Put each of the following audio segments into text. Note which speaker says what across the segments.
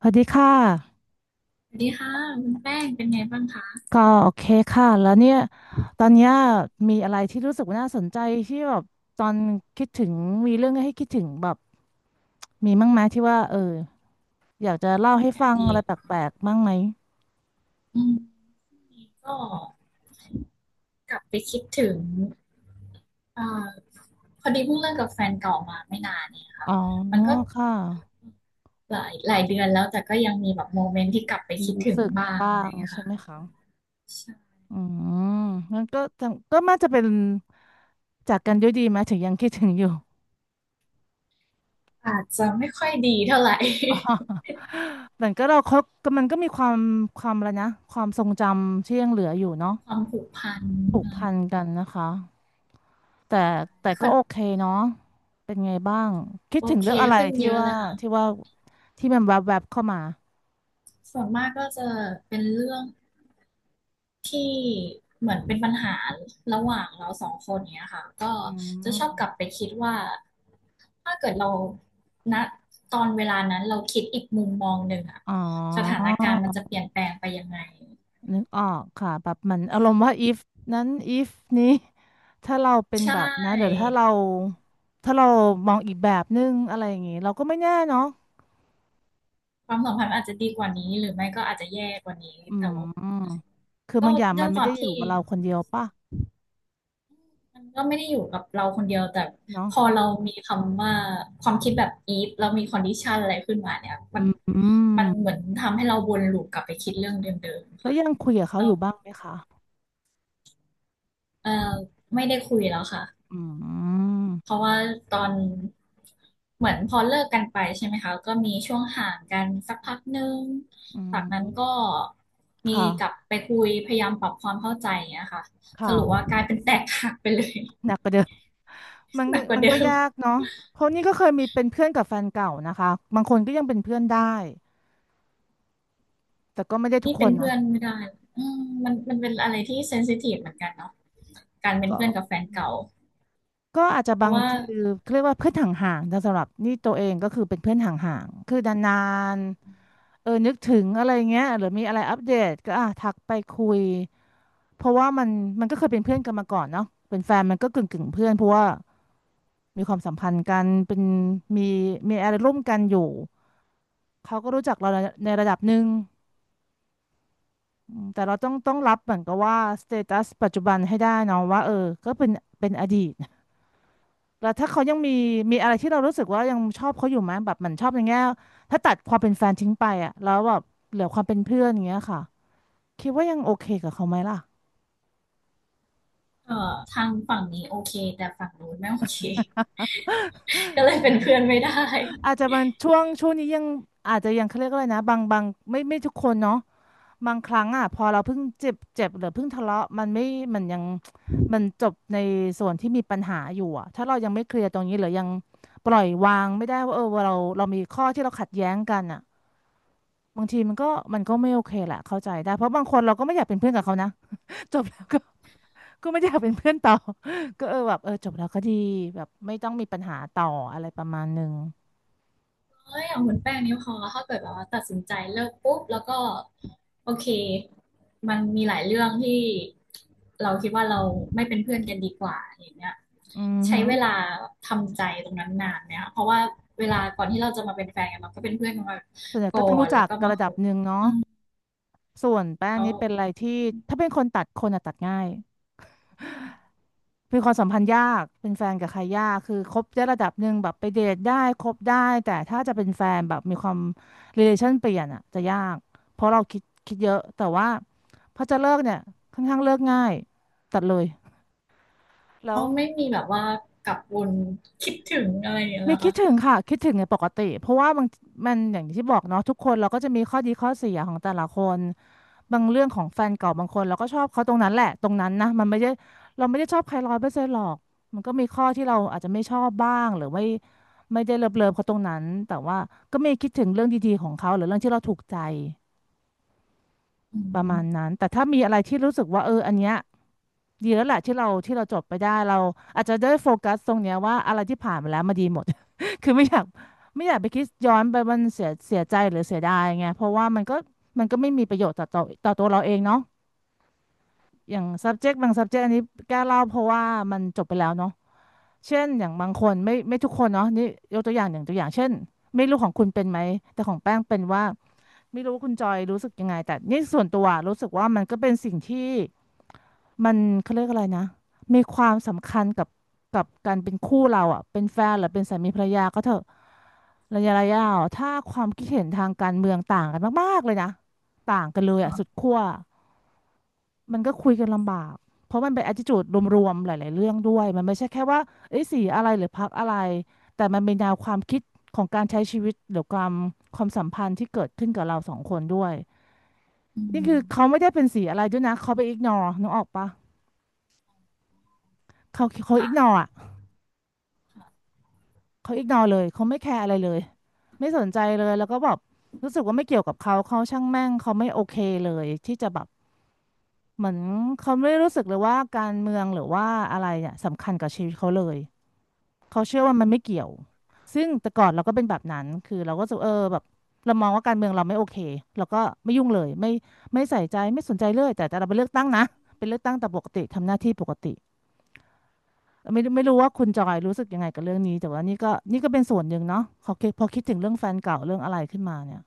Speaker 1: สวัสดีค่ะ
Speaker 2: สวัสดีค่ะคุณแป้งเป็นไงบ้างคะ
Speaker 1: ก็โอเคค่ะแล้วเนี่ยตอนเนี้ยมีอะไรที่รู้สึกว่าน่าสนใจที่แบบตอนคิดถึงมีเรื่องให้คิดถึงแบบมีมั้งไหมที่ว่าเอออยากจะ
Speaker 2: เ
Speaker 1: เล่าให้
Speaker 2: รื่
Speaker 1: ฟั
Speaker 2: องในอ
Speaker 1: ง
Speaker 2: ดี
Speaker 1: อะไร
Speaker 2: ต
Speaker 1: แปลกๆบ้างไหม
Speaker 2: อืมช่วงนี้ก็กลับไปคิดถึงเอ่อพอดีเพิ่งเลิกกับแฟนเก่ามาไม่นานเนี่ย
Speaker 1: อ๋
Speaker 2: ค่ะ
Speaker 1: อ
Speaker 2: มันก็
Speaker 1: ค่ะ
Speaker 2: หลายหลายเดือนแล้วแต่ก็ยังมีแบบโมเมนต์ที่กลับไป
Speaker 1: มี
Speaker 2: คิด
Speaker 1: รู้
Speaker 2: ถึง
Speaker 1: สึก
Speaker 2: บ้าง
Speaker 1: บ้า
Speaker 2: อะไรอ
Speaker 1: ง
Speaker 2: ย่างเงี้ย
Speaker 1: ใช่
Speaker 2: ค่ะ
Speaker 1: ไหมคะ
Speaker 2: ใช่
Speaker 1: อืมงั้นก็จะก็น่าจะเป็นจากกันด้วยดีไหมถึงยังคิดถึงอยู่
Speaker 2: อาจจะไม่ค่อยดีเท่าไหร่
Speaker 1: อ๋อแต่ ก็เราคบก็มันก็มีความความอะไรนะความทรงจำที่ยังเหลืออยู่เนาะ
Speaker 2: ความผูกพัน
Speaker 1: ผูก
Speaker 2: อะ
Speaker 1: พันกันนะคะแต่
Speaker 2: ไร
Speaker 1: แต่ก็
Speaker 2: ก็
Speaker 1: โอเคเนาะเป็นไงบ้างคิด
Speaker 2: โอ
Speaker 1: ถึง
Speaker 2: เค
Speaker 1: เรื่องอะไร
Speaker 2: ขึ้น
Speaker 1: ที่
Speaker 2: เยอะ
Speaker 1: ว่า
Speaker 2: เลยค่ะ
Speaker 1: ที่ว่าที่มันแวบแวบเข้ามา
Speaker 2: ส่วนมากก็จะเป็นเรื่อง ที่เหมือนเป็นปัญหาระหว่างเราสองคนเนี้ยค่ะก็
Speaker 1: อื
Speaker 2: จะชอบก
Speaker 1: ม
Speaker 2: ลับไปคิดว่าถ้าเกิดเราณตอนเวลานั้นเราคิดอีกมุมมองหนึ่งอะ
Speaker 1: อ๋อ
Speaker 2: สถานการณ์มันจะเปลี่ยนแปลงไปยังไง
Speaker 1: นึกออกค่ะแบบเหมันอารมณ์ว่า if นั้น if นี้ถ้าเราเป็น
Speaker 2: ใช
Speaker 1: แบบนั้นหรือ
Speaker 2: ่
Speaker 1: ถ้าเราถ้าเรามองอีกแบบนึงอะไรอย่างงี้เราก็ไม่แน่เนาะ
Speaker 2: ความสัมพันธ์อาจจะดีกว่านี้หรือไม่ก็อาจจะแย่กว่านี้
Speaker 1: อื
Speaker 2: แต่ว่า
Speaker 1: มคือ
Speaker 2: ก็
Speaker 1: บางอย่าง
Speaker 2: ด้
Speaker 1: มั
Speaker 2: ว
Speaker 1: น
Speaker 2: ยค
Speaker 1: ไม่
Speaker 2: วา
Speaker 1: ได้
Speaker 2: ม
Speaker 1: อยู่
Speaker 2: ที่
Speaker 1: กับเราคนเดียวป่ะ
Speaker 2: มันก็ไม่ได้อยู่กับเราคนเดียวแต่
Speaker 1: เนาะ
Speaker 2: พอเรามีคำว่าความคิดแบบ if เรามี condition อะไรขึ้นมาเนี่ยมัน
Speaker 1: อื
Speaker 2: มั
Speaker 1: ม
Speaker 2: นเหมือนทำให้เราวนลูปกลับไปคิดเรื่องเดิมๆ
Speaker 1: แล้ว
Speaker 2: ค่ะ
Speaker 1: ยังคุยกับเขา
Speaker 2: เรา
Speaker 1: อยู่บ้างไหมคะ
Speaker 2: เออไม่ได้คุยแล้วค่ะ
Speaker 1: อื
Speaker 2: เพ
Speaker 1: ม
Speaker 2: ราะว่าตอนเหมือนพอเลิกกันไปใช่ไหมคะก็มีช่วงห่างกันสักพักหนึ่ง
Speaker 1: อื
Speaker 2: จากนั้นก็
Speaker 1: ม
Speaker 2: มีกลับ
Speaker 1: ค่ะ
Speaker 2: ไปคุยพยายามปรับความเข้าใจอย่างเงี้ยค่ะสรุปว่า
Speaker 1: ค่ะ
Speaker 2: กลายเป็นแตกหักไปเลย
Speaker 1: หนักกว่าเดิมมัน
Speaker 2: ห
Speaker 1: ก็
Speaker 2: นักกว่าเดิม
Speaker 1: ยากเนาะเพราะนี่ก็เคยมีเป็นเพื่อนกับแฟนเก่านะคะบางคนก็ยังเป็นเพื่อนได้ แต่ก็ไม่ได้ทุก
Speaker 2: นี่
Speaker 1: ค
Speaker 2: เป็น
Speaker 1: นนะ
Speaker 2: เพื่อนไม่ได้อืมมันเป็นอะไรที่เซนซิทีฟเหมือนกันเนาะการเป็น
Speaker 1: ก็
Speaker 2: เพื่อนกับแฟนเก่า
Speaker 1: อาจจะ
Speaker 2: เพ
Speaker 1: บา
Speaker 2: ราะ
Speaker 1: ง
Speaker 2: ว่า
Speaker 1: คือเขาเรียกว่าเพื่อนห่างๆแต่สำหรับนี่ตัวเองก็คือเป็นเพื่อนห่างๆคือนานๆเออนึกถึงอะไรเงี้ยหรือมีอะไรอัปเดตก็อ่ะทักไปคุยเพราะว่ามันก็เคยเป็นเพื่อนกันมาก่อนเนาะเป็นแฟนมันก็กึ่งกึ่งเพื่อนเพราะว่ามีความสัมพันธ์กันเป็นมีอะไรร่วมกันอยู่ เขาก็รู้จักเราในระดับหนึ่งอืมแต่เราต้องรับเหมือนกับว่าสเตตัสปัจจุบันให้ได้เนาะว่าเออก็เป็นอดีตแล้วถ้าเขายังมีอะไรที่เรารู้สึกว่ายังชอบเขาอยู่ไหมแบบเหมันชอบอย่างเงี้ยถ้าตัดความเป็นแฟนทิ้งไปอ่ะแล้วแบบเหลือความเป็นเพื่อนอย่างเงี้ยค่ะคิดว่ายังโอเคกับเขาไหมล่ะ
Speaker 2: ทางฝั่งนี้โอเคแต่ฝั่งนู้นไม่โอเค ก็เลยเป็นเพื่อนไม่ได้
Speaker 1: อาจจะมันช่วงนี้ยังอาจจะยังเขาเรียกว่าอะไรนะบางไม่ทุกคนเนาะ บางครั้งอ่ะพอเราเพิ่งเจ็บเจ็บหรือเพิ่งทะเลาะมันไม่มันยังมันจบในส่วนที่มีปัญหาอยู่อ่ะถ้าเรายังไม่เคลียร์ตรงนี้หรือยังปล่อยวางไม่ได้ว่าเออเรามีข้อที่เราขัดแย้งกันอ่ะบางทีมันก็ไม่โอเคแหละเข้าใจได้เพราะบางคนเราก็ไม่อยากเป็นเพื่อนกับเขานะ จบแล้วก็ไม่อยากเป็นเพื่อนต่อ ก็เออแบบเออจบแล้วก็ดีแบบไม่ต้องมีปัญหาต่ออะไรประมาณหนึ่ง
Speaker 2: เอ้ยอย่างคุณแป้งนี่พอถ้าเกิดแบบว่าตัดสินใจเลิกปุ๊บแล้วก็โอเค มันมีหลายเรื่องที่เราคิดว่าเราไม่เป็นเพื่อนกันดีกว่าอย่างเงี้ย
Speaker 1: อือหื
Speaker 2: ใช้
Speaker 1: อ
Speaker 2: เวลาทำใจตรงนั้นนานเนี่ยเพราะว่าเวลาก่อนที่เราจะมาเป็นแฟนกันเราก็เป็นเพื่อนกันมา
Speaker 1: ส่วนใหญ่ก็
Speaker 2: ก่
Speaker 1: ต้อ
Speaker 2: อ
Speaker 1: งรู้
Speaker 2: น
Speaker 1: จั
Speaker 2: แล้
Speaker 1: ก
Speaker 2: วก็
Speaker 1: ก
Speaker 2: มา
Speaker 1: ระ
Speaker 2: ค
Speaker 1: ดับ
Speaker 2: บ
Speaker 1: หนึ่งเนาะส่วนแป้ง
Speaker 2: แล้ว
Speaker 1: นี่เป็นอะไรที่ถ้าเป็นคนตัดคนอะตัดง่าย มีความสัมพันธ์ยาก เป็นแฟนกับใครยาก คือคบได้ระดับหนึ่งแบบไปเดทได้คบได้ แต่ถ้าจะเป็นแฟนแบบมีความ relation เปลี่ยนอ่ะจะยาก เพราะเราคิดเยอะ แต่ว่าพอจะเลิกเนี่ยค่อนข้างเลิกง่ายตัดเลยแล้
Speaker 2: ก็
Speaker 1: ว
Speaker 2: ไม่มีแบบว่ากลับวนคิดถึงอะไรอย่างเงี้ย
Speaker 1: ไม่
Speaker 2: นะ
Speaker 1: คิด
Speaker 2: คะ
Speaker 1: ถึงค่ะคิดถึงในปกติเพราะว่าบางมันอย่างที่บอกเนาะทุกคนเราก็จะมีข้อดีข้อเสียของแต่ละคนบางเรื่องของแฟนเก่าบางคนเราก็ชอบเขาตรงนั้นแหละตรงนั้นนะมันไม่ได้เราไม่ได้ชอบใครร้อยเปอร์เซ็นต์หรอกมันก็มีข้อที่เราอาจจะไม่ชอบบ้างหรือไม่ได้เลิฟเขาตรงนั้นแต่ว่าก็มีคิดถึงเรื่องดีๆของเขาหรือเรื่องที่เราถูกใจ
Speaker 2: อื
Speaker 1: ประมาณ
Speaker 2: ม
Speaker 1: นั้นแต่ถ้ามีอะไรที่รู้สึกว่าเอออันเนี้ยดีแลอวแหละที่เราจบไปได้เราอาจจะได้โฟกัสตรงเนี้ยว่าอะไรที่ผ่านมาแล้วมาดีหมด คือไม่อยากไปคิดย้อนไปมันเสียใจหรือเสียดายไงเพราะว่ามันก็ไม่มีประโยชน์ต่อตัวเราเองเนาะอย่าง subject บาง subject อันนี้แก้เล่าเพราะว่ามันจบไปแล้วเนาะเช่นอย่างบางคนไม่ทุกคนเนาะนี่ยกตัวอย่างตัวอย่างเช่นไม่รู้ของคุณเป็นไหมแต่ของแป้งเป็นว่า ไม่รู้คุณจอยรู้สึกยังไงแต่นี่ส่วนตัวรู้สึกว่ามันก็เป็นสิ่งที่มันเขาเรียกอะไรนะมีความสำคัญกับการเป็นคู่เราอ่ะเป็นแฟนหรือเป็นสามีภรรยาก็เถอะระยะอ่ะถ้าความคิดเห็นทางการเมืองต่างกันมากๆเลยนะต่างกันเลยอ่ะสุด
Speaker 2: ค่ะ
Speaker 1: ขั้วมันก็คุยกันลำบากเพราะมันเป็น attitude รวมๆหลายๆเรื่องด้วยมันไม่ใช่แค่ว่าเอ้ยสีอะไรหรือพรรคอะไรแต่มันเป็นแนวความคิดของการใช้ชีวิตหรือความสัมพันธ์ที่เกิดขึ้นกับเราสองคนด้วย
Speaker 2: อื
Speaker 1: นี่คือเขา
Speaker 2: ม
Speaker 1: ไม่ได้เป็นสีอะไรด้วยนะ เขาไปอิกนอนึกออกปะเขาอิกน
Speaker 2: ค่ะ
Speaker 1: ออ่ะ
Speaker 2: ค่ะ
Speaker 1: เขาอิกนอเลยเขาไม่แคร์อะไรเลย ไม่สนใจเลย แล้วก็แบบรู้สึกว่าไม่เกี่ยวกับเขาเขาช่างแม่ง เขาไม่โอเคเลยที่จะแบบเหมือนเขาไม่ได้รู้สึกเลยว่าการเมืองหรือว่าอะไรเนี่ยสำคัญกับชีวิตเขาเลยเขาเชื่อว่ามันไม่เกี่ยวซึ่งแต่ก่อนเราก็เป็นแบบนั้นคือเราก็รู้สึกเออแบบเรามองว่าการเมืองเราไม่โอเคเราก็ไม่ยุ่งเลยไม่ใส่ใจไม่สนใจเลยแต่เราไปเลือกตั้งนะเป็นเลือกตั้งแต่ปกติทำหน้าที่ปกติ ไม่รู้ว่าคุณจอยรู้สึกยังไงกับเรื่องนี้แต่ว่านี่ก็เป็นส่วนหนึ่งเนาะพอคิดถึงเรื่องแฟนเก่าเรื่องอะไรขึ้นมาเนี่ย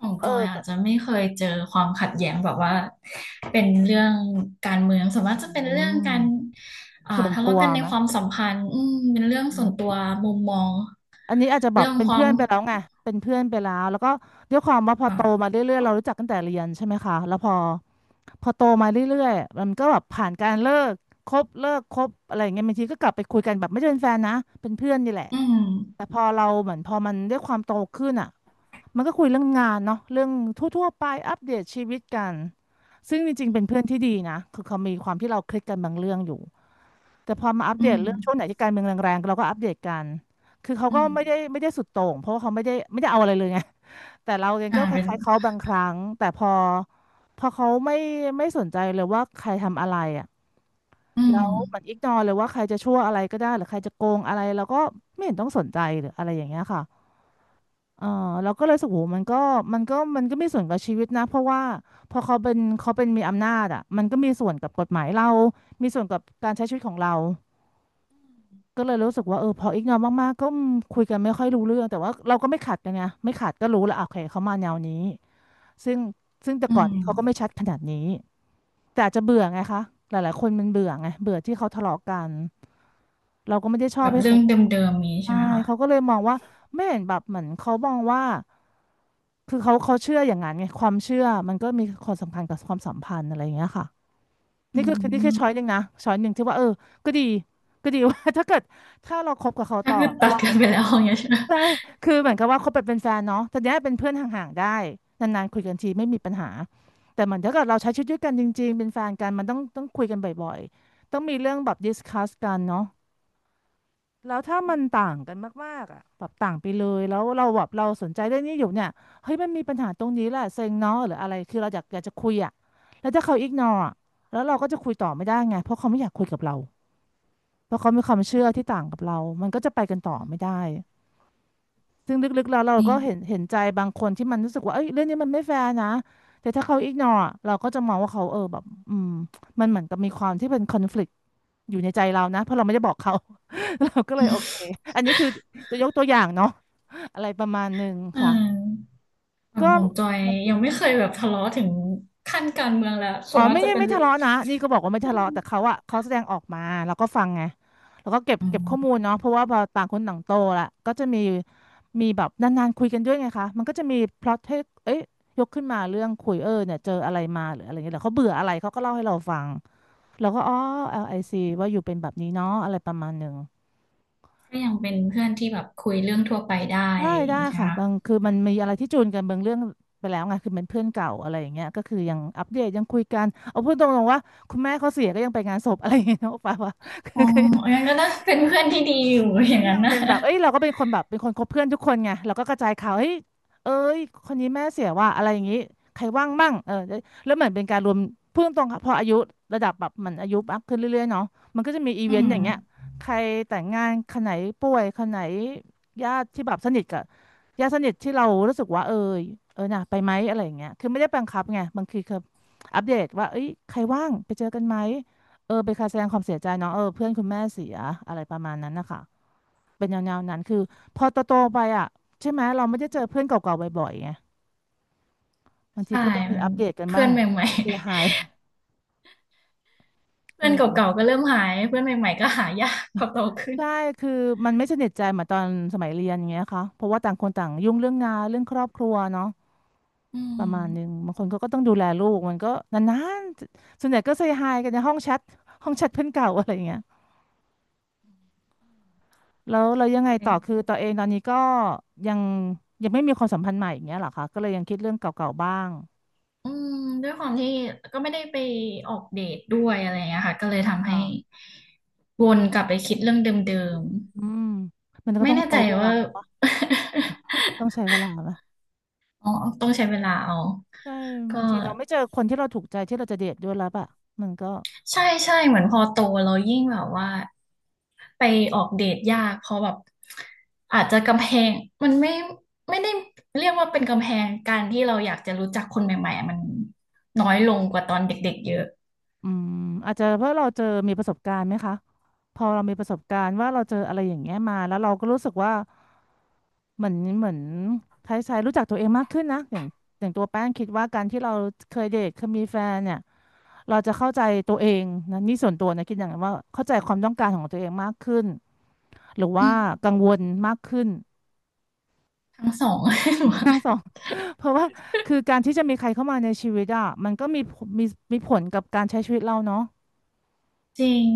Speaker 2: ของ
Speaker 1: เออ
Speaker 2: จอยอา
Speaker 1: ก็
Speaker 2: จจะไม่เคยเจอความขัดแย้งแบบว่าเป็นเรื่องการเมืองส่วนมา
Speaker 1: อื
Speaker 2: กจะเป็นเรื่อง
Speaker 1: ม
Speaker 2: การอ่า
Speaker 1: ส่วน
Speaker 2: ทะ
Speaker 1: ตั
Speaker 2: เลาะ
Speaker 1: ว
Speaker 2: กันใน
Speaker 1: ไหม
Speaker 2: ความสัมพันธ์อืมเป็นเรื่องส่วนตั
Speaker 1: อืม
Speaker 2: วมุมมอง
Speaker 1: อันนี้อาจจะแบ
Speaker 2: เรื่
Speaker 1: บ
Speaker 2: อง
Speaker 1: เป็น
Speaker 2: ควา
Speaker 1: เพื่อ
Speaker 2: ม
Speaker 1: นไปแล้วไงเป็นเพื่อนไปแล้วแล้วก็ด้วยความว่าพอโตมา
Speaker 2: ค่ะ
Speaker 1: เรื่อยๆเรารู้จักกันแต่เรียนใช่ไหมคะแล้วพอโตมาเรื่อยๆมันก็แบบผ่านการเลิกคบอะไรอย่างเงี้ยบางทีก็กลับไปคุยกันแบบไม่ได้เป็นแฟนนะเป็นเพื่อนนี่แหละ
Speaker 2: อื
Speaker 1: แต่
Speaker 2: ม
Speaker 1: พอเราเหมือนพอมันด้วยความโตขึ้นอ่ะ มันก็คุยเรื่องงานเนาะเรื่องทั่วๆไปอัปเดตชีวิตกันซึ่งจริงๆเป็นเพื่อนที่ดีนะคือเขามีความที่เราคลิกกันบางเรื่องอยู่แต่พอมาอัป
Speaker 2: อื
Speaker 1: เดต
Speaker 2: ม
Speaker 1: เรื่องช่วงไหนที่การเมืองแรงๆเราก็อัปเดตกันคือเขา
Speaker 2: อื
Speaker 1: ก็
Speaker 2: ม
Speaker 1: ไม่ได้สุดโต่งเพราะว่าเขาไม่ได้เอาอะไรเลยไงแต่เราเอง
Speaker 2: อ่า
Speaker 1: ก็ค
Speaker 2: เป็น
Speaker 1: ล้ายๆเขาบางครั้งแต่พอเขาไม่สนใจเลยว่าใครทำอะไรอ่ะ
Speaker 2: อื
Speaker 1: แล้
Speaker 2: ม
Speaker 1: วเหมือนอิกนอเลยว่าใครจะชั่วอะไรก็ได้หรือใครจะโกงอะไรเราก็ไม่เห็นต้องสนใจหรืออะไรอย่างเงี้ยค่ะ เออเราก็เลยรู้สึกโหมันก็มันก็มีส่วนกับชีวิตนะเพราะว่าพอเขาเป็นเขาเป็นมีอำนาจอ่ะมันก็มีส่วนกับกฎหมายเรามีส่วนกับการใช้ชีวิตของเราก็เลยรู้สึกว่าเออพออีกนอมากๆก็คุยกันไม่ค่อยรู้เรื่องแต่ว่าเราก็ไม่ขัดกันไงไม่ขัดก็รู้แล้วอ่ะโอเคเขามาแนวนี้ซึ่งซึ่งแต่
Speaker 2: อื
Speaker 1: ก่อนนี้เขาก็ไม่
Speaker 2: ม
Speaker 1: ชัดขนาดนี้แต่อาจจะเบื่อไงคะหลายๆคนมันเบื่อไงเบื่อที่เขาทะเลาะกันเราก็ไม่ได้ชอ
Speaker 2: แบ
Speaker 1: บ
Speaker 2: บ
Speaker 1: ให้ใค
Speaker 2: เรื่
Speaker 1: ร
Speaker 2: องเดิมๆนี้ใช่
Speaker 1: ใช่
Speaker 2: ไหมคะ
Speaker 1: เขาก็เลยมองว่าไม่เห็นแบบเหมือนเขามองว่า คือเขาเชื่ออย่างนั้นไงความเชื่อมันก็มีความสำคัญกับความสัมพันธ์อะไรอย่างเงี้ยค่ะ
Speaker 2: อื
Speaker 1: นี่คือช้อยห
Speaker 2: ม
Speaker 1: นึ่งนะช้อยหนึ่งที่ว่าเออก็ดีก็ดี ว่า ถ้าเราคบกับเขา
Speaker 2: ก็
Speaker 1: ต่อ
Speaker 2: คือ
Speaker 1: แล้ว
Speaker 2: ตัด
Speaker 1: เรา
Speaker 2: กันไปแล้วอย่างเงี้ยใช่ไหม
Speaker 1: ใช่คือเหมือนกับว่าคบแบบเป็นแฟนเนาะแต่เนี้ยเป็นเพื่อนห่างๆได้นานๆคุยกันทีไม่มีปัญหาแต่เหมือนถ้าเกิดเราใช้ชีวิตด้วยกันจริงๆเป็นแฟนกันมันต้องคุยกันบ่อยๆต้องมีเรื่องแบบดิสคัสกันเนาะ แล้วถ้ามันต่างกันมากๆอ่ะแบบต่างไปเลยแล้วเราสนใจเรื่องนี้อยู่เนี่ยเฮ้ยมันมีปัญหาตรงนี้แหละเซ็งเนาะหรืออะไรคือเราอยากจะคุยอ่ะแล้วถ้าเขาอิกนออ่ะแล้วเราก็จะคุยต่อไม่ได้ไงเพราะเขาไม่อยากคุยกับเราเพราะเขามีความเชื่อที่ต่างกับเรามันก็จะไปกันต่อไม่ได้ซึ่งลึกๆแล้วเรา
Speaker 2: นี่
Speaker 1: ก็เห็นใจบางคนที่มันรู้สึกว่าเอ้ยเรื่องนี้มันไม่แฟร์นะแต่ถ้าเขาอิกนอเราก็จะมองว่าเขาเออแบบอืมมันเหมือนกับมีความที่เป็นคอนฟลิ อยู่ในใจเรานะเพราะเราไม่ได้บอกเขา เราก็เลยโอเคอันนี้คือจะยกตัวอย่างเนาะอะไรประมาณหนึ่ง
Speaker 2: อื
Speaker 1: ค่ะ
Speaker 2: มฝั่ง
Speaker 1: ก็
Speaker 2: ของจอย
Speaker 1: มันเป็
Speaker 2: ยั
Speaker 1: น
Speaker 2: งไม่เคยแบบทะเลาะถึงขั้นการเมืองแล้วส่
Speaker 1: อ๋อ
Speaker 2: วนมาก
Speaker 1: ไม่
Speaker 2: จะ
Speaker 1: ได้
Speaker 2: เป็น
Speaker 1: ไม่ทะเลาะนะนี่ก็บอกว่าไม่
Speaker 2: อื
Speaker 1: ทะเลาะแต่เขา
Speaker 2: ม
Speaker 1: อะเขาแสดงออกมาเราก็ฟังไงแล้วก็เก็บ
Speaker 2: อื
Speaker 1: เก็บข้อมู
Speaker 2: ม
Speaker 1: ลเนาะเพราะว่าพอต่างคนต่างโตละก็จะมีแบบนานๆคุยกันด้วยไงคะมันก็จะมีพล็อตให้เอ้ยยกขึ้นมาเรื่องคุยเออเนี่ยเจออะไรมาหรืออะไรเงี้ยแล้วเขาเบื่ออะไรเขาก็เล่าให้เราฟังเราก็อ๋อ LIC ว่าอยู่เป็นแบบนี้เนาะอะไรประมาณหนึ่ง
Speaker 2: ก็ยังเป็นเพื่อนที่แบบคุยเรื่องทั่วไปได้
Speaker 1: ได้
Speaker 2: อย่า
Speaker 1: ได้
Speaker 2: งงี้ใช่ไหม
Speaker 1: ค่ะ
Speaker 2: คะ
Speaker 1: บางคือมันมีอะไรที่จูนกันบางเรื่องไปแล้วไงคือเป็นเพื่อนเก่าอะไรอย่างเงี้ยก็คือยังอัปเดตยังคุยกันเอาพูดตรงๆว่าคุณแม่เขาเสียก็ยังไปงานศพอะไรอย่างเงี้ยนะโอปาว่า คื
Speaker 2: อ๋อ
Speaker 1: อก็ยัง
Speaker 2: งั้นก็ต้องเป็นเพื่อนที่ดีอยู่อย่า
Speaker 1: ก็
Speaker 2: ง
Speaker 1: ยั
Speaker 2: นั้น
Speaker 1: ง
Speaker 2: นะ
Speaker 1: เป็นแบบเอ้ยเราก็เป็นคนแบบเป็นคนคบเพื่อนทุกคนไงเราก็กระจายข่าว เฮ้ยเอ้ยคนนี้แม่เสียว่ะอะไรอย่างงี้ ใครว่างมั่งเออแล้วเหมือนเป็นการรวมพูดตรงๆค่ะพออายุระดับแบบเหมันอายุมากขึ้นเรื่อยๆเนาะมันก็จะมีอี
Speaker 2: อื
Speaker 1: เวนต์อ
Speaker 2: ม
Speaker 1: ย่างเงี้ยใครแต่งงานคนไหนป่วยคนไหนญาติที่แบบสนิทกับญาติสนิทที่เรารู้สึกว่าเออเออน่ะไปไหมอะไรอย่างเงี้ยคือไม่ได้บังคับไงบางทีคืออัปเดตว่าเอ้ยใครว่างไปเจอกันไหมเออเป็นการแสดงความเสียใจเนาะเออเพื่อนคุณแม่เสียอะไรประมาณนั้นนะคะ เป็นแนวๆนั้นคือพอโตๆไปอ่ะใช่ไหมเราไม่
Speaker 2: อื
Speaker 1: ได้
Speaker 2: ม
Speaker 1: เจอเพื่อนเก่าๆบ่อยๆไงบางที
Speaker 2: ใช่
Speaker 1: ก็ต้องมี
Speaker 2: มั
Speaker 1: อั
Speaker 2: น
Speaker 1: ปเดตกัน
Speaker 2: เพื่
Speaker 1: บ้า
Speaker 2: อ
Speaker 1: ง
Speaker 2: นใหม่
Speaker 1: เสียหาย
Speaker 2: ๆ
Speaker 1: เอ
Speaker 2: เพื่อนเก่าๆ
Speaker 1: อ
Speaker 2: ก็เริ่มหายเพื่อนใหม่ๆก็หายากพอโตขึ้น
Speaker 1: ใช่คือมันไม่สนิทใจเหมือนตอนสมัยเรียนอย่างเงี้ยค่ะเพราะว่าต่างคนต่างยุ่งเรื่องงานเรื่องครอบครัวเนาะ
Speaker 2: อื
Speaker 1: ประมาณนึงบางคนเขาก็ต้องดูแลลูกมันก็นานๆส่วนใหญ่ก็เซย์ไฮกันในห้องแชทห้องแชทเพื่อนเก่าอะไรอย่างเงี้ยแล้วเรายังไงต่อคือ
Speaker 2: ม
Speaker 1: ตัวเองตอนนี้ก็ยังยังไม่มีความสัมพันธ์ใหม่อย่างเงี้ยเหรอคะก็เลยยังคิดเรื่องเก่าๆบ้าง
Speaker 2: อืมด้วยความที่ก็ไม่ได้ไปออกเดทด้วยอะไรอย่างเงี้ยค่ะก็เลยทำให้
Speaker 1: ค่ะ
Speaker 2: วนกลับไปคิดเรื่องเดิม
Speaker 1: อืมมัน
Speaker 2: ๆ
Speaker 1: ก็
Speaker 2: ไม่
Speaker 1: ต้อง
Speaker 2: แน่
Speaker 1: ใช้
Speaker 2: ใจ
Speaker 1: เวลา
Speaker 2: ว่า
Speaker 1: ต้องใช้เวลาละ
Speaker 2: อ๋อต้องใช้เวลาเอา
Speaker 1: ใช่
Speaker 2: ก็
Speaker 1: บางทีเราไม่เจอคนที่เราถูกใจที่เราจะเดทด้วยแล้วอะมันก็
Speaker 2: ใช่ใช่เหมือนพอโตเรายิ่งแบบว่าไปออกเดทยากเพราะแบบอาจจะกำแพงมันไม่ไม่ได้เรียกว่าเป็นกำแพงการที่เราอยากจะรู้จักคนใหม่ๆมันน้อยลงกว่าตอนเด็กๆเยอะ
Speaker 1: อืมอาจจะเพราะเราเจอมีประสบการณ์ไหมคะพอเรามีประสบการณ์ว่าเราเจออะไรอย่างเงี้ยมาแล้วเราก็รู้สึกว่าเหมือนคล้ายๆรู้จักตัวเองมากขึ้นนะอย่างตัวแป้งคิดว่าการที่เราเคยเดทเคยมีแฟนเนี่ยเราจะเข้าใจตัวเองนะนี่ส่วนตัวนะคิดอย่างนั้นว่าเข้าใจความต้องการของตัวเองมากขึ้นหรือ
Speaker 2: อื
Speaker 1: ว่า
Speaker 2: ม
Speaker 1: กังวลมากขึ้น
Speaker 2: ทั้งสอง
Speaker 1: ทั้งสอ ง เพราะว่าคือการที่จะมีใครเข้ามาในชีวิตอ่ะมันก็มีผลกับการใช้ชีวิตเราเนาะ
Speaker 2: จริง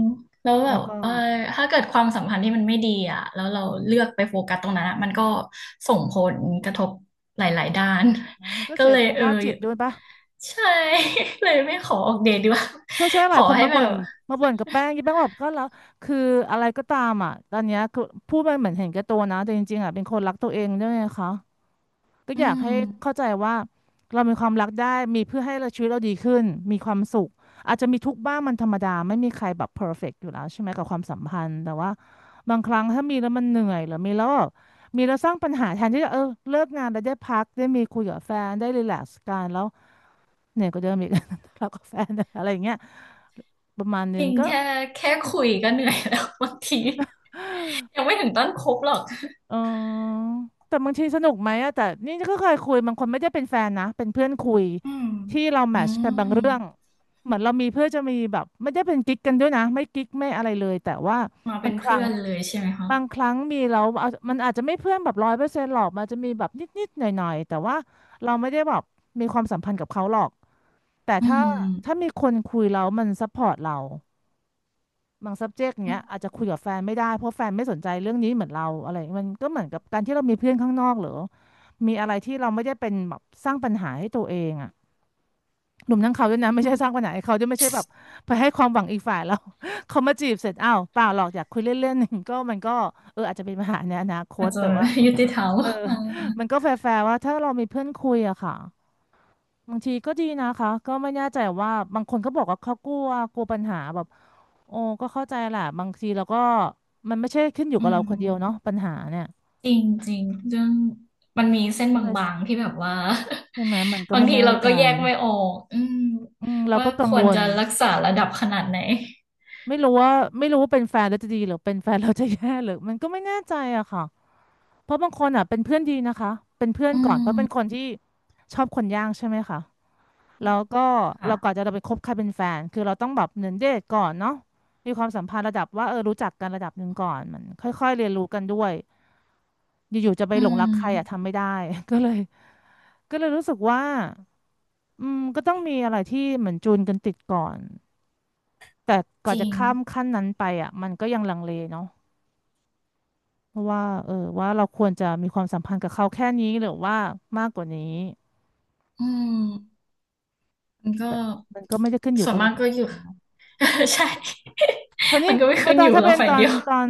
Speaker 2: แล้วแบ
Speaker 1: แล้ว
Speaker 2: บ
Speaker 1: ก็
Speaker 2: เออถ้าเกิดความสัมพันธ์ที่มันไม่ดีอ่ะแล้วเราเลือกไปโฟกัสตรงนั้นอะมันก็ส่ง
Speaker 1: อื
Speaker 2: ผล
Speaker 1: ม
Speaker 2: กระทบหลายๆด้าน
Speaker 1: มันก็
Speaker 2: ก็
Speaker 1: เสีย
Speaker 2: เลย
Speaker 1: สุข
Speaker 2: เออ
Speaker 1: ภาพจิตด้วยปะ
Speaker 2: ใช่ เลยไม่ขอออกเดทดีกว่า
Speaker 1: ใช่ใช่ ห
Speaker 2: ข
Speaker 1: ลาย
Speaker 2: อ
Speaker 1: คน
Speaker 2: ให้
Speaker 1: มา
Speaker 2: แบ
Speaker 1: บ่
Speaker 2: บ
Speaker 1: นมาบ่นกับแป้งยี่แป้งบอกก็แล้วคืออะไรก็ตามอ่ะตอนเนี้ยคือพูดไปเหมือนเห็นแก่ตัวนะแต่จริงๆอ่ะเป็นคนรักตัวเองด้วยไงคะ ก็อ
Speaker 2: อื
Speaker 1: ยาก
Speaker 2: ม
Speaker 1: ให้เข้าใจว่าเรามีความรักได้มีเพื่อให้เราชีวิตเราดีขึ้นมีความสุขอาจจะมีทุกข์บ้างมันธรรมดาไม่มีใครแบบเพอร์เฟกต์อยู่แล้วใช่ไหมกับความสัมพันธ์แต่ว่าบางครั้งถ้ามีแล้วมันเหนื่อยหรือมีแล้วแบบมีแล้วสร้างปัญหาแทนที่จะเออเลิกงานแล้วได้พักได้มีคุยกับแฟนได้รีแลกซ์กันแล้วเหนื่อยก็เดิมอีก ทะเลาะกับแฟนอะไรอย่างเงี้ยประมาณ
Speaker 2: จ
Speaker 1: นึง
Speaker 2: ริง
Speaker 1: ก็
Speaker 2: แค่แค่คุยก็เหนื่อยแล้ว บางทียังไม่ถึงต้นคบหรอก
Speaker 1: เออแต่บางทีสนุกไหมอะแต่นี่ก็เคยคุยบางคนไม่ได้เป็นแฟนนะเป็นเพื่อนคุย
Speaker 2: อืม
Speaker 1: ที่เราแม
Speaker 2: อื
Speaker 1: ทชเป็นบางเรื่อง
Speaker 2: ม
Speaker 1: เหมือนเรามีเพื่อจะมีแบบไม่ได้เป็นกิ๊กกันด้วยนะไม่กิ๊กไม่อะไรเลยแต่ว่า
Speaker 2: มา
Speaker 1: บา
Speaker 2: เป็
Speaker 1: ง
Speaker 2: น
Speaker 1: ครั้
Speaker 2: เพื่
Speaker 1: ง
Speaker 2: อน
Speaker 1: อะ
Speaker 2: เลยใช่ไหมคะ
Speaker 1: บางครั้งมีเราเอามันอาจจะไม่เพื่อนแบบ100%หรอกมันจะมีแบบนิดๆหน่อยๆแต่ว่าเราไม่ได้แบบมีความสัมพันธ์กับเขาหรอกแต่
Speaker 2: อื
Speaker 1: ถ้าถ้า
Speaker 2: ม
Speaker 1: มีคนคุยแล้วมันซัพพอร์ตเรา บาง subject
Speaker 2: อื
Speaker 1: เนี้ยอาจจะคุยกับแฟนไม่ได้เพราะแฟนไม่สนใจเรื่องนี้เหมือนเราอะไรอย่างเงี้ยมันก็เหมือนกับการที่เรามีเพื่อนข้างนอกหรือมีอะไรที่เราไม่ได้เป็นแบบสร้างปัญหาให้ตัวเองอ่ะหนุ่มทั้งเขาด้วยนะไม่
Speaker 2: ม
Speaker 1: ใช่สร้างปัญหาให้เขาด้วยไม่ใช่แบบไปให้ความหวังอีกฝ่ายแล้ว เขามาจีบเสร็จอ้าวเปล่าหรอกอยากคุยเล่นๆ ก็มันก็เอออาจจะเป็นปัญหาในอนาค
Speaker 2: อา
Speaker 1: ต
Speaker 2: จจะ
Speaker 1: แต่ว่า
Speaker 2: ยุติธรรม
Speaker 1: เออ
Speaker 2: อ่า
Speaker 1: มันก็แฟร์ๆว่าถ้าเรามีเพื่อนคุยอะค่ะบางทีก็ดีนะคะก็ไม่แน่ใจว่าบางคนเขาบอกว่าเขากลัวกลัวปัญหาแบบ โอ้ก็เข้าใจแหละบางทีเราก็มันไม่ใช่ขึ้นอยู่
Speaker 2: อื
Speaker 1: กับเราคนเดียวเนาะ
Speaker 2: ม
Speaker 1: ปัญหาเนี่ย
Speaker 2: จริงจริงเรื่องมันมีเส้น
Speaker 1: ก็
Speaker 2: บ
Speaker 1: เลย
Speaker 2: างๆที่แบบว่า
Speaker 1: ใช่ไหมมัน ก็
Speaker 2: บาง
Speaker 1: ไม่
Speaker 2: ที
Speaker 1: แน่
Speaker 2: เรา
Speaker 1: ใจ
Speaker 2: ก็แยกไม่ออกอืม
Speaker 1: อืมเรา
Speaker 2: ว่า
Speaker 1: ก็กั
Speaker 2: ค
Speaker 1: ง
Speaker 2: ว
Speaker 1: ว
Speaker 2: ร
Speaker 1: ล
Speaker 2: จะรักษาระดับขนาดไหน
Speaker 1: ไม่รู้ว่าไม่รู้ว่าเป็นแฟนแล้วจะดีหรือเป็นแฟนเราจะแย่หรือมันก็ไม่แน่ใจอะค่ะเพราะบางคนอะเป็นเพื่อนดีนะคะเป็นเพื่อน
Speaker 2: อื
Speaker 1: ก่อนเพราะเป็นค
Speaker 2: ม
Speaker 1: นที่ชอบคนยากใช่ไหมคะ
Speaker 2: อื
Speaker 1: แล้
Speaker 2: ม
Speaker 1: วก็
Speaker 2: ค่ะ
Speaker 1: เราก่อนจะเราไปคบใครเป็นแฟนคือเราต้องแบบเหมือนเดทก่อนเนาะมีความสัมพันธ์ระดับว่าเออรู้จักกันระดับหนึ่งก่อนมันค่อยๆเรียนรู้กันด้วย อยู่ๆจะไป
Speaker 2: อื
Speaker 1: หลงรักใครอ่ะทำ
Speaker 2: ม
Speaker 1: ไม่ได้ ก็เลยก็เลยรู้สึกว่าอืมก็ต้องมีอะไรที่เหมือนจูนกันติดก่อนแต่ก่อ
Speaker 2: จ
Speaker 1: น
Speaker 2: ริ
Speaker 1: จะ
Speaker 2: ง
Speaker 1: ข้ามขั้นนั้นไปอ่ะมันก็ยังลังเลเนาะเพราะว่าเออว่าเราควรจะมีความสัมพันธ์กับเขาแค่นี้หรือว่ามากกว่านี้
Speaker 2: อืมมันก็
Speaker 1: แต่มันก็ไม่ได้ขึ้นอยู่
Speaker 2: ส่ว
Speaker 1: กั
Speaker 2: น
Speaker 1: บเรา
Speaker 2: มาก
Speaker 1: คน
Speaker 2: ก็
Speaker 1: เดี
Speaker 2: อ
Speaker 1: ย
Speaker 2: ยู่
Speaker 1: วเนาะ
Speaker 2: ใช่
Speaker 1: คราว นี้
Speaker 2: มันก็ไม่
Speaker 1: ออ
Speaker 2: ขึ้น
Speaker 1: ตอ
Speaker 2: อ
Speaker 1: น
Speaker 2: ยู่
Speaker 1: ถ้า
Speaker 2: เรา
Speaker 1: เป็น
Speaker 2: ฝ่า
Speaker 1: ต
Speaker 2: ย
Speaker 1: อน
Speaker 2: เดียว
Speaker 1: ตอน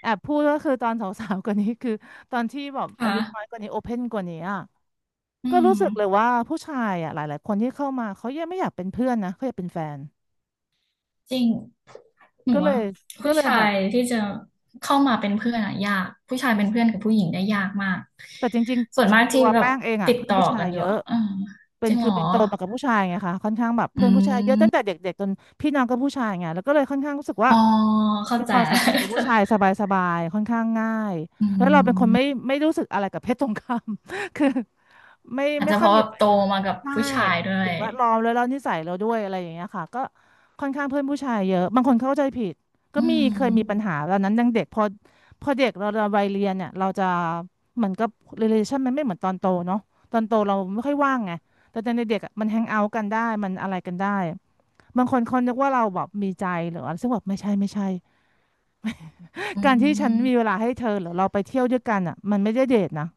Speaker 1: แอบพูดก็คือตอนสาวๆกว่านี้คือตอนที่แบบ
Speaker 2: ค
Speaker 1: อายุน้อยก
Speaker 2: ่ะ
Speaker 1: ว่านี้โอเพนกว่านี้อ่ะ
Speaker 2: อื
Speaker 1: ก็
Speaker 2: ม
Speaker 1: รู้สึกเลยว่าผู้ชายอ่ะหลายๆคนที่เข้ามาเขายังไม่อยากเป็นเพื่อนนะเขาอยากเป็นแฟน
Speaker 2: จริงหนู
Speaker 1: ก็เล
Speaker 2: ว่า
Speaker 1: ยก็
Speaker 2: ผู้
Speaker 1: เลยแบ
Speaker 2: ชา
Speaker 1: บ
Speaker 2: ยที่จะเข้ามาเป็นเพื่อนอะยาก ผู้ชายเป็นเพื่อนกับผู้หญิงได้ยากมาก
Speaker 1: แต่จริง
Speaker 2: ส่ว
Speaker 1: ๆ
Speaker 2: น
Speaker 1: คื
Speaker 2: มา
Speaker 1: อ
Speaker 2: ก
Speaker 1: ตั
Speaker 2: ที่
Speaker 1: ว
Speaker 2: แบบ
Speaker 1: แป้งเองอ่ะ
Speaker 2: ติด
Speaker 1: เพื่อน
Speaker 2: ต่อ
Speaker 1: ผู้ชา
Speaker 2: กั
Speaker 1: ย
Speaker 2: นอ
Speaker 1: เย
Speaker 2: ยู่
Speaker 1: อะ
Speaker 2: อะเออ
Speaker 1: เป็
Speaker 2: จ
Speaker 1: น
Speaker 2: ริงเห
Speaker 1: คื
Speaker 2: ร
Speaker 1: อ
Speaker 2: อ
Speaker 1: เป็นโตมากับผู้ชายไงคะค่อนข้างแบบ
Speaker 2: อื
Speaker 1: เพื่อนผู้ชายเยอะตั้ง
Speaker 2: ม
Speaker 1: แต่เด็กๆจนพี่น้องก็ผู้ชายไงแล้วก็เลยค่อนข้างรู้สึกว่า
Speaker 2: อ๋อเข้า
Speaker 1: เป็น
Speaker 2: ใจ
Speaker 1: ความสัมพันธ์กับผู้ชายสบายๆค่อนข้างง่าย
Speaker 2: อื
Speaker 1: แล้วเราเป็นคนไม่
Speaker 2: ม
Speaker 1: ไม่รู้สึกอะไรกับเพศตรงข้าม คือไม่
Speaker 2: อาจ
Speaker 1: ไม่
Speaker 2: จะ
Speaker 1: ค่
Speaker 2: เพ
Speaker 1: อย
Speaker 2: ราะ
Speaker 1: มี
Speaker 2: แบบโตมากับ
Speaker 1: ใช่
Speaker 2: ผู้ชายด้ว
Speaker 1: สิ่
Speaker 2: ย
Speaker 1: งแวดล้อมแล้วเรานิสัยเราด้วยอะไรอย่างเงี้ยค่ะก็ค่อนข้างเพื่อนผู้ชายเยอะบางคนเข้าใจผิดก็
Speaker 2: อื
Speaker 1: มีเคยมีปั
Speaker 2: ม
Speaker 1: ญหาตอนนั้นยังเด็กพอเด็กเราวัยเรียนเนี่ยเราจะเหมือนกับ relation มันไม่เหมือนตอนโตเนาะตอนโตเราไม่ค่อยว่างไงแต่ตอนเด็กๆอะมันแฮงเอาท์กันได้มันอะไรกันได้บางคนเขานึกว่าเราแบบมีใจหรืออะไรซึ่งแบบไม่ใช่
Speaker 2: อื
Speaker 1: การที่ฉันมีเว
Speaker 2: ม
Speaker 1: ลาให้เธอหรือเราไปเที่ยวด้วยกันอ่ะมันไม่ได้เดทนะ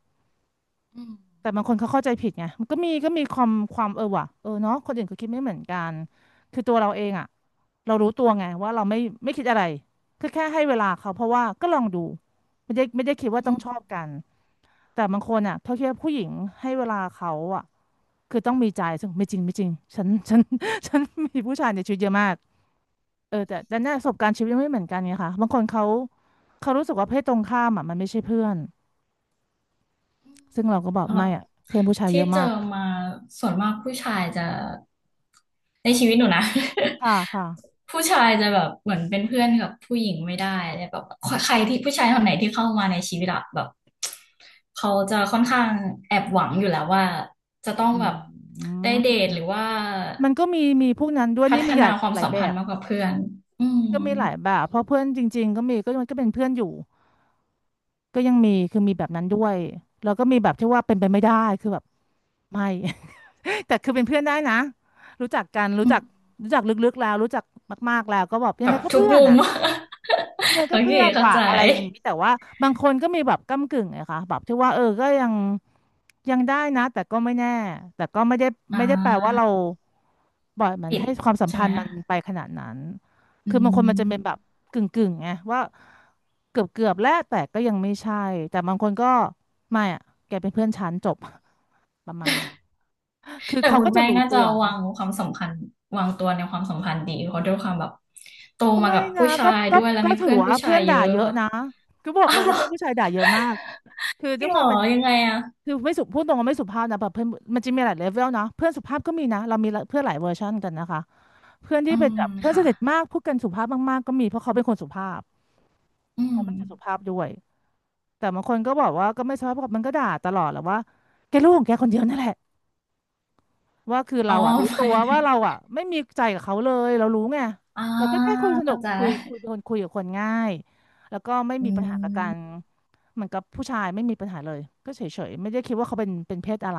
Speaker 2: อืม
Speaker 1: แต่บางคนเขาเข้าใจผิดไงมันก็มีก็มีความเออว่ะเออเนาะคนอื่นเขาคิดไม่เหมือนกันคือตัวเราเองอ่ะเรารู้ตัวไงว่าเราไม่คิดอะไรก็แค่ให้เวลาเขาเพราะว่าก็ลองดูไม่ได้คิดว่า
Speaker 2: อื
Speaker 1: ต้อง
Speaker 2: ม
Speaker 1: ชอบกันแต่บางคนอ่ะเขาคิดว่าผู้หญิงให้เวลาเขาอ่ะคือต้องมีใจซึ่งไม่จริงฉัน ฉันมีผู้ชายในชีวิตเยอะมากเออแต่เนี่ยประสบการณ์ชีวิตไม่เหมือนกันไงคะบางคนเขารู้สึกว่าเพศตรงข้ามอ่ะมันไม่ใช่เพื่อนซึ่งเราก็บอก
Speaker 2: สำหรั
Speaker 1: ไม่
Speaker 2: บ
Speaker 1: อ่ะเพื่อนผู้ชายเย
Speaker 2: ที่
Speaker 1: อะ
Speaker 2: เจอ
Speaker 1: มาก
Speaker 2: มาส่วนมากผู้ชายจะในชีวิตหนูนะ
Speaker 1: ค่ะค่ะ
Speaker 2: ผู้ชายจะแบบเหมือนเป็นเพื่อนกับผู้หญิงไม่ได้เลยแบบใครที่ผู้ชายคนไหนที่เข้ามาในชีวิตอะแบบเขาจะค่อนข้างแอบหวังอยู่แล้วว่าจะต้อง
Speaker 1: อื
Speaker 2: แบบได้เด
Speaker 1: ม
Speaker 2: ทหรือว่า
Speaker 1: มันก็มีมีพวกนั้นด้วย
Speaker 2: พั
Speaker 1: นี่
Speaker 2: ฒ
Speaker 1: มีห
Speaker 2: นา
Speaker 1: ลาย
Speaker 2: ความ
Speaker 1: หลาย
Speaker 2: สัม
Speaker 1: แบ
Speaker 2: พัน
Speaker 1: บ
Speaker 2: ธ์มากกว่าเพื่อนอืม
Speaker 1: ก็มีหลายแบบเพราะเพื่อนจริงๆก็มีก็มันก็เป็นเพื่อนอยู่ก็ยังมีคือมีแบบนั้นด้วยแล้วก็มีแบบที่ว่าเป็นไปไม่ได้คือแบบไม่ แต่คือเป็นเพื่อนได้นะรู้จักกันรู้
Speaker 2: อื
Speaker 1: จั
Speaker 2: ม
Speaker 1: กรู้จักลึกๆแล้วรู้จักมากๆแล้วก็แบบยั
Speaker 2: แบ
Speaker 1: งไง
Speaker 2: บ
Speaker 1: ก็
Speaker 2: ทุก
Speaker 1: เพื่อน
Speaker 2: มุม
Speaker 1: อ่ะ ยังไง
Speaker 2: โอ
Speaker 1: ก็
Speaker 2: เค
Speaker 1: เพื่อน
Speaker 2: เข้า
Speaker 1: ว่ะ
Speaker 2: ใจ
Speaker 1: อะไรอย่างนี้แต่ว่าบางคนก็มีแบบก้ำกึ่งไงคะแบบที่ว่าเออก็ยังได้นะแต่ก็ไม่แน่แต่ก็ไม่ได้
Speaker 2: อ่
Speaker 1: ไม่ได้แปล
Speaker 2: า
Speaker 1: ว่าเราบ่อยมัน
Speaker 2: ปิด
Speaker 1: ให้ความสัม
Speaker 2: ใช่
Speaker 1: พั
Speaker 2: ไห
Speaker 1: น
Speaker 2: ม
Speaker 1: ธ์มันไปขนาดนั้น
Speaker 2: อื
Speaker 1: คือบางคนมันจะเป็น
Speaker 2: ม
Speaker 1: แบบกึ่งไงว่าเกือบแล้วแต่ก็ยังไม่ใช่แต่บางคนก็ไม่อะแกเป็นเพื่อนฉันจบ ประมาณนั้นคือ
Speaker 2: แต่
Speaker 1: เขา
Speaker 2: คุณ
Speaker 1: ก็จะ
Speaker 2: แป้ง
Speaker 1: รู้
Speaker 2: น่า
Speaker 1: ตั
Speaker 2: จะ
Speaker 1: ว
Speaker 2: วา
Speaker 1: นะ
Speaker 2: งความสำคัญวางตัวในความสัมพันธ์ดีเพราะด้วยความแบบโต
Speaker 1: ก็
Speaker 2: มา
Speaker 1: ไม่
Speaker 2: กับ
Speaker 1: นะ
Speaker 2: ผู้ชา
Speaker 1: ก็
Speaker 2: ย
Speaker 1: ก็
Speaker 2: ด้วยแล้ว
Speaker 1: ก็
Speaker 2: มี
Speaker 1: ถือ
Speaker 2: เพื่อน
Speaker 1: ว่า
Speaker 2: ผู้ชา
Speaker 1: เพื่
Speaker 2: ย
Speaker 1: อน
Speaker 2: เย
Speaker 1: ด่า
Speaker 2: อะ
Speaker 1: เยอะ
Speaker 2: ป่ะ
Speaker 1: นะก็บอก
Speaker 2: อ้า
Speaker 1: เล
Speaker 2: ว
Speaker 1: ย
Speaker 2: เหร
Speaker 1: ว่า
Speaker 2: อ
Speaker 1: เพื่อนผู้ชายด่าเยอะมากคือ
Speaker 2: จ
Speaker 1: ด้
Speaker 2: ริ
Speaker 1: ว
Speaker 2: ง
Speaker 1: ย
Speaker 2: เห
Speaker 1: ค
Speaker 2: ร
Speaker 1: วาม
Speaker 2: อ
Speaker 1: เป็น
Speaker 2: ยังไงอ่ะ
Speaker 1: คือไม่สุพูดตรงว่าไม่สุภาพนะแบบเพื่อนมันจะมีหลายเลเวลนะเพื่อนสุภาพก็มีนะเรามีเพื่อนหลายเวอร์ชันกันนะคะเพื่อน
Speaker 2: อื
Speaker 1: ที่เป็น
Speaker 2: ม
Speaker 1: แบบเพื่อนส
Speaker 2: ค่ะ
Speaker 1: นิทมากพูดกันสุภาพมากๆก็มีเพราะเขาเป็นคนสุภาพ
Speaker 2: อื
Speaker 1: เรา
Speaker 2: ม
Speaker 1: ก็จะสุภาพด้วยแต่บางคนก็บอกว่าก็ไม่สุภาพมันก็ด่าตลอดแหละว่าแกลูกของแกคนเดียวนั่นแหละว่าคือ
Speaker 2: อ๋อ
Speaker 1: เราอ่ะรู้
Speaker 2: ห
Speaker 1: ตั
Speaker 2: มา
Speaker 1: ว
Speaker 2: ยถึ
Speaker 1: ว่า
Speaker 2: ง
Speaker 1: เราอ่ะไม่มีใจกับเขาเลยเรารู้ไง
Speaker 2: อ่า
Speaker 1: เราก็แค่คุยสนุ
Speaker 2: เข้า
Speaker 1: ก
Speaker 2: ใจ
Speaker 1: คุยเป็นคนคุยกับคนง่ายแล้วก็ไม่
Speaker 2: อื
Speaker 1: มีปัญหากับการ
Speaker 2: ม
Speaker 1: เหมือนกับผู้ชายไม่มีปัญหาเลยก็เฉยๆไม่ได้คิดว่าเขาเป็นเพศอะไร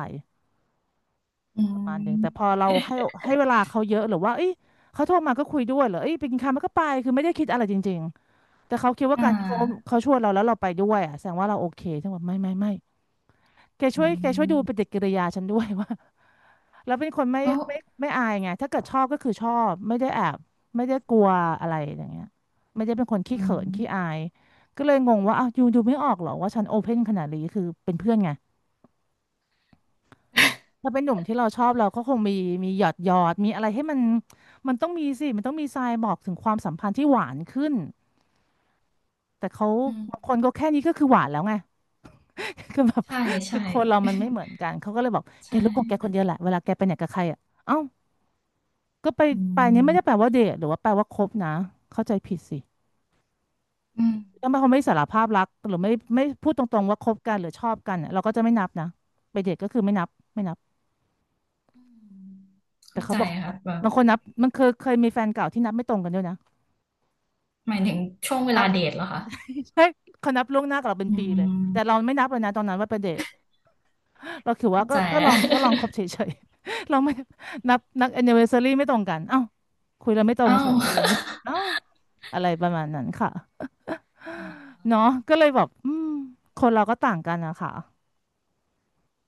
Speaker 2: อื
Speaker 1: ประมาณหนึ่งแต่พ
Speaker 2: ม
Speaker 1: อเราให้เวลาเขาเยอะหรือว่าเอ้ยเขาโทรมาก็คุยด้วยเหรอเอ้ยไปกินข้าวมันก็ไปคือไม่ได้คิดอะไรจริงๆแต่เขาคิดว่า
Speaker 2: อ่
Speaker 1: การที่เขา
Speaker 2: า
Speaker 1: เขาชวนเราแล้วเราไปด้วยอ่ะแสดงว่าเราโอเคฉันบอกไม่
Speaker 2: อื
Speaker 1: แกช่วยดูป
Speaker 2: ม
Speaker 1: ฏิกิริยาฉันด้วย ว่า เราเป็นคนไม่
Speaker 2: แล้ว
Speaker 1: ไม่ไม่อายไงถ้าเกิดชอบก็คือชอบไม่ได้แอบไม่ได้กลัวอะไรอย่างเงี้ยไม่ได้เป็นคนขี้
Speaker 2: อื
Speaker 1: เขินขี้อา
Speaker 2: ม
Speaker 1: ยก็เลยงงว่าอ้าวยูดูไม่ออกเหรอว่าฉันโอเพนขนาดนี้คือเป็นเพื่อนไง ถ้าเป็นหนุ่มที่เราชอบเราก็คงมีหยอดมีอะไรให้มันต้องมีสิมันต้องมีทรายบอกถึงความสัมพันธ์ที่หวานขึ้นแต่เขา
Speaker 2: อืม
Speaker 1: บางคนก็แค่นี้ก็คือหวานแล้วไง คือแบบ
Speaker 2: ใช่
Speaker 1: คื
Speaker 2: ใช่
Speaker 1: อคนเรามันไม่เหมือนกันเขาก็เลยบอก แก
Speaker 2: ใช่
Speaker 1: รู้ของแกคนเดียวแหละเวลาแกไปไหนกับใครอ่ะเอ้าก็ไป
Speaker 2: อื
Speaker 1: ไปเนี่ยไม่ได้แปล
Speaker 2: ม
Speaker 1: ว่าเดทหรือว่าแปลว่าคบนะเข้าใจผิดสิ
Speaker 2: อืม
Speaker 1: ถ้าเขาไม่สารภาพรักหรือไม่พูดตรงๆว่าคบกันหรือชอบกันอะเราก็จะไม่นับนะไปเดทก็คือไม่นับไม่นับ
Speaker 2: อืม
Speaker 1: แต่
Speaker 2: เข้า
Speaker 1: เขา
Speaker 2: ใจ
Speaker 1: บอกเขานั
Speaker 2: ค่ะ
Speaker 1: บ
Speaker 2: แบบ
Speaker 1: บางคนนับมันเคยมีแฟนเก่าที่นับไม่ตรงกันด้วยนะ
Speaker 2: หมายถึงช่วงเว
Speaker 1: นั
Speaker 2: ลา
Speaker 1: บ
Speaker 2: เดทเหรอคะ
Speaker 1: ใช่เขานับล่วงหน้ากับเราเป็น
Speaker 2: อื
Speaker 1: ปีเลยแต่
Speaker 2: ม
Speaker 1: เราไม่นับเลยนะตอนนั้นว่าเป็นเดทเราคือว่า
Speaker 2: เข้า
Speaker 1: ก็
Speaker 2: ใจ
Speaker 1: ก็ลองลองคบเฉยๆ เราไม่นับนับแอนนิเวอร์ซารีไม่ตรงกันเอ้าคุยเราไม่ตร ง
Speaker 2: อ้า
Speaker 1: เฉ
Speaker 2: ว
Speaker 1: ยอะไรอย่างงี้เอ้าอะไรประมาณนั้นค่ะ
Speaker 2: อ๋อ
Speaker 1: เนาะก็เลยแบบอืมคนเราก็ต่างกันนะคะ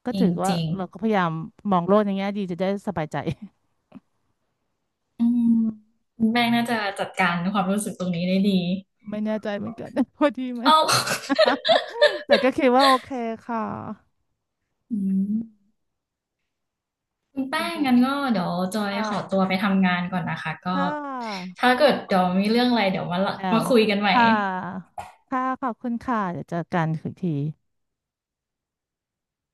Speaker 1: ก็
Speaker 2: จริ
Speaker 1: ถื
Speaker 2: ง
Speaker 1: อว่า
Speaker 2: จริง
Speaker 1: เราก็พยายามมองโลกในแง่ดีจะได้สบายใจ
Speaker 2: อืมคุณแป้งน่าจะจัดการความรู้สึกตรงนี้ได้ดี
Speaker 1: ไม่แน่ใจเหมือนกัน ว่าดีไหม
Speaker 2: อ้าว
Speaker 1: แต่ก็คิดว่าโอเคค่ะ
Speaker 2: อืมคุณแป้
Speaker 1: คุณ
Speaker 2: ง
Speaker 1: เพิ่น
Speaker 2: งั้นก็เดี๋ยวจอย
Speaker 1: ค่ะ
Speaker 2: ขอตัวไปทำงานก่อนนะคะก็
Speaker 1: ค่ะ
Speaker 2: ถ้าเกิดเดี๋ยวมีเรื่องอะไรเดี๋ยวมาละ
Speaker 1: แล้ว
Speaker 2: มาคุยกันใหม่
Speaker 1: ค่ะค่ะขอบคุณค่ะเดี๋ยวเจอกันอีกที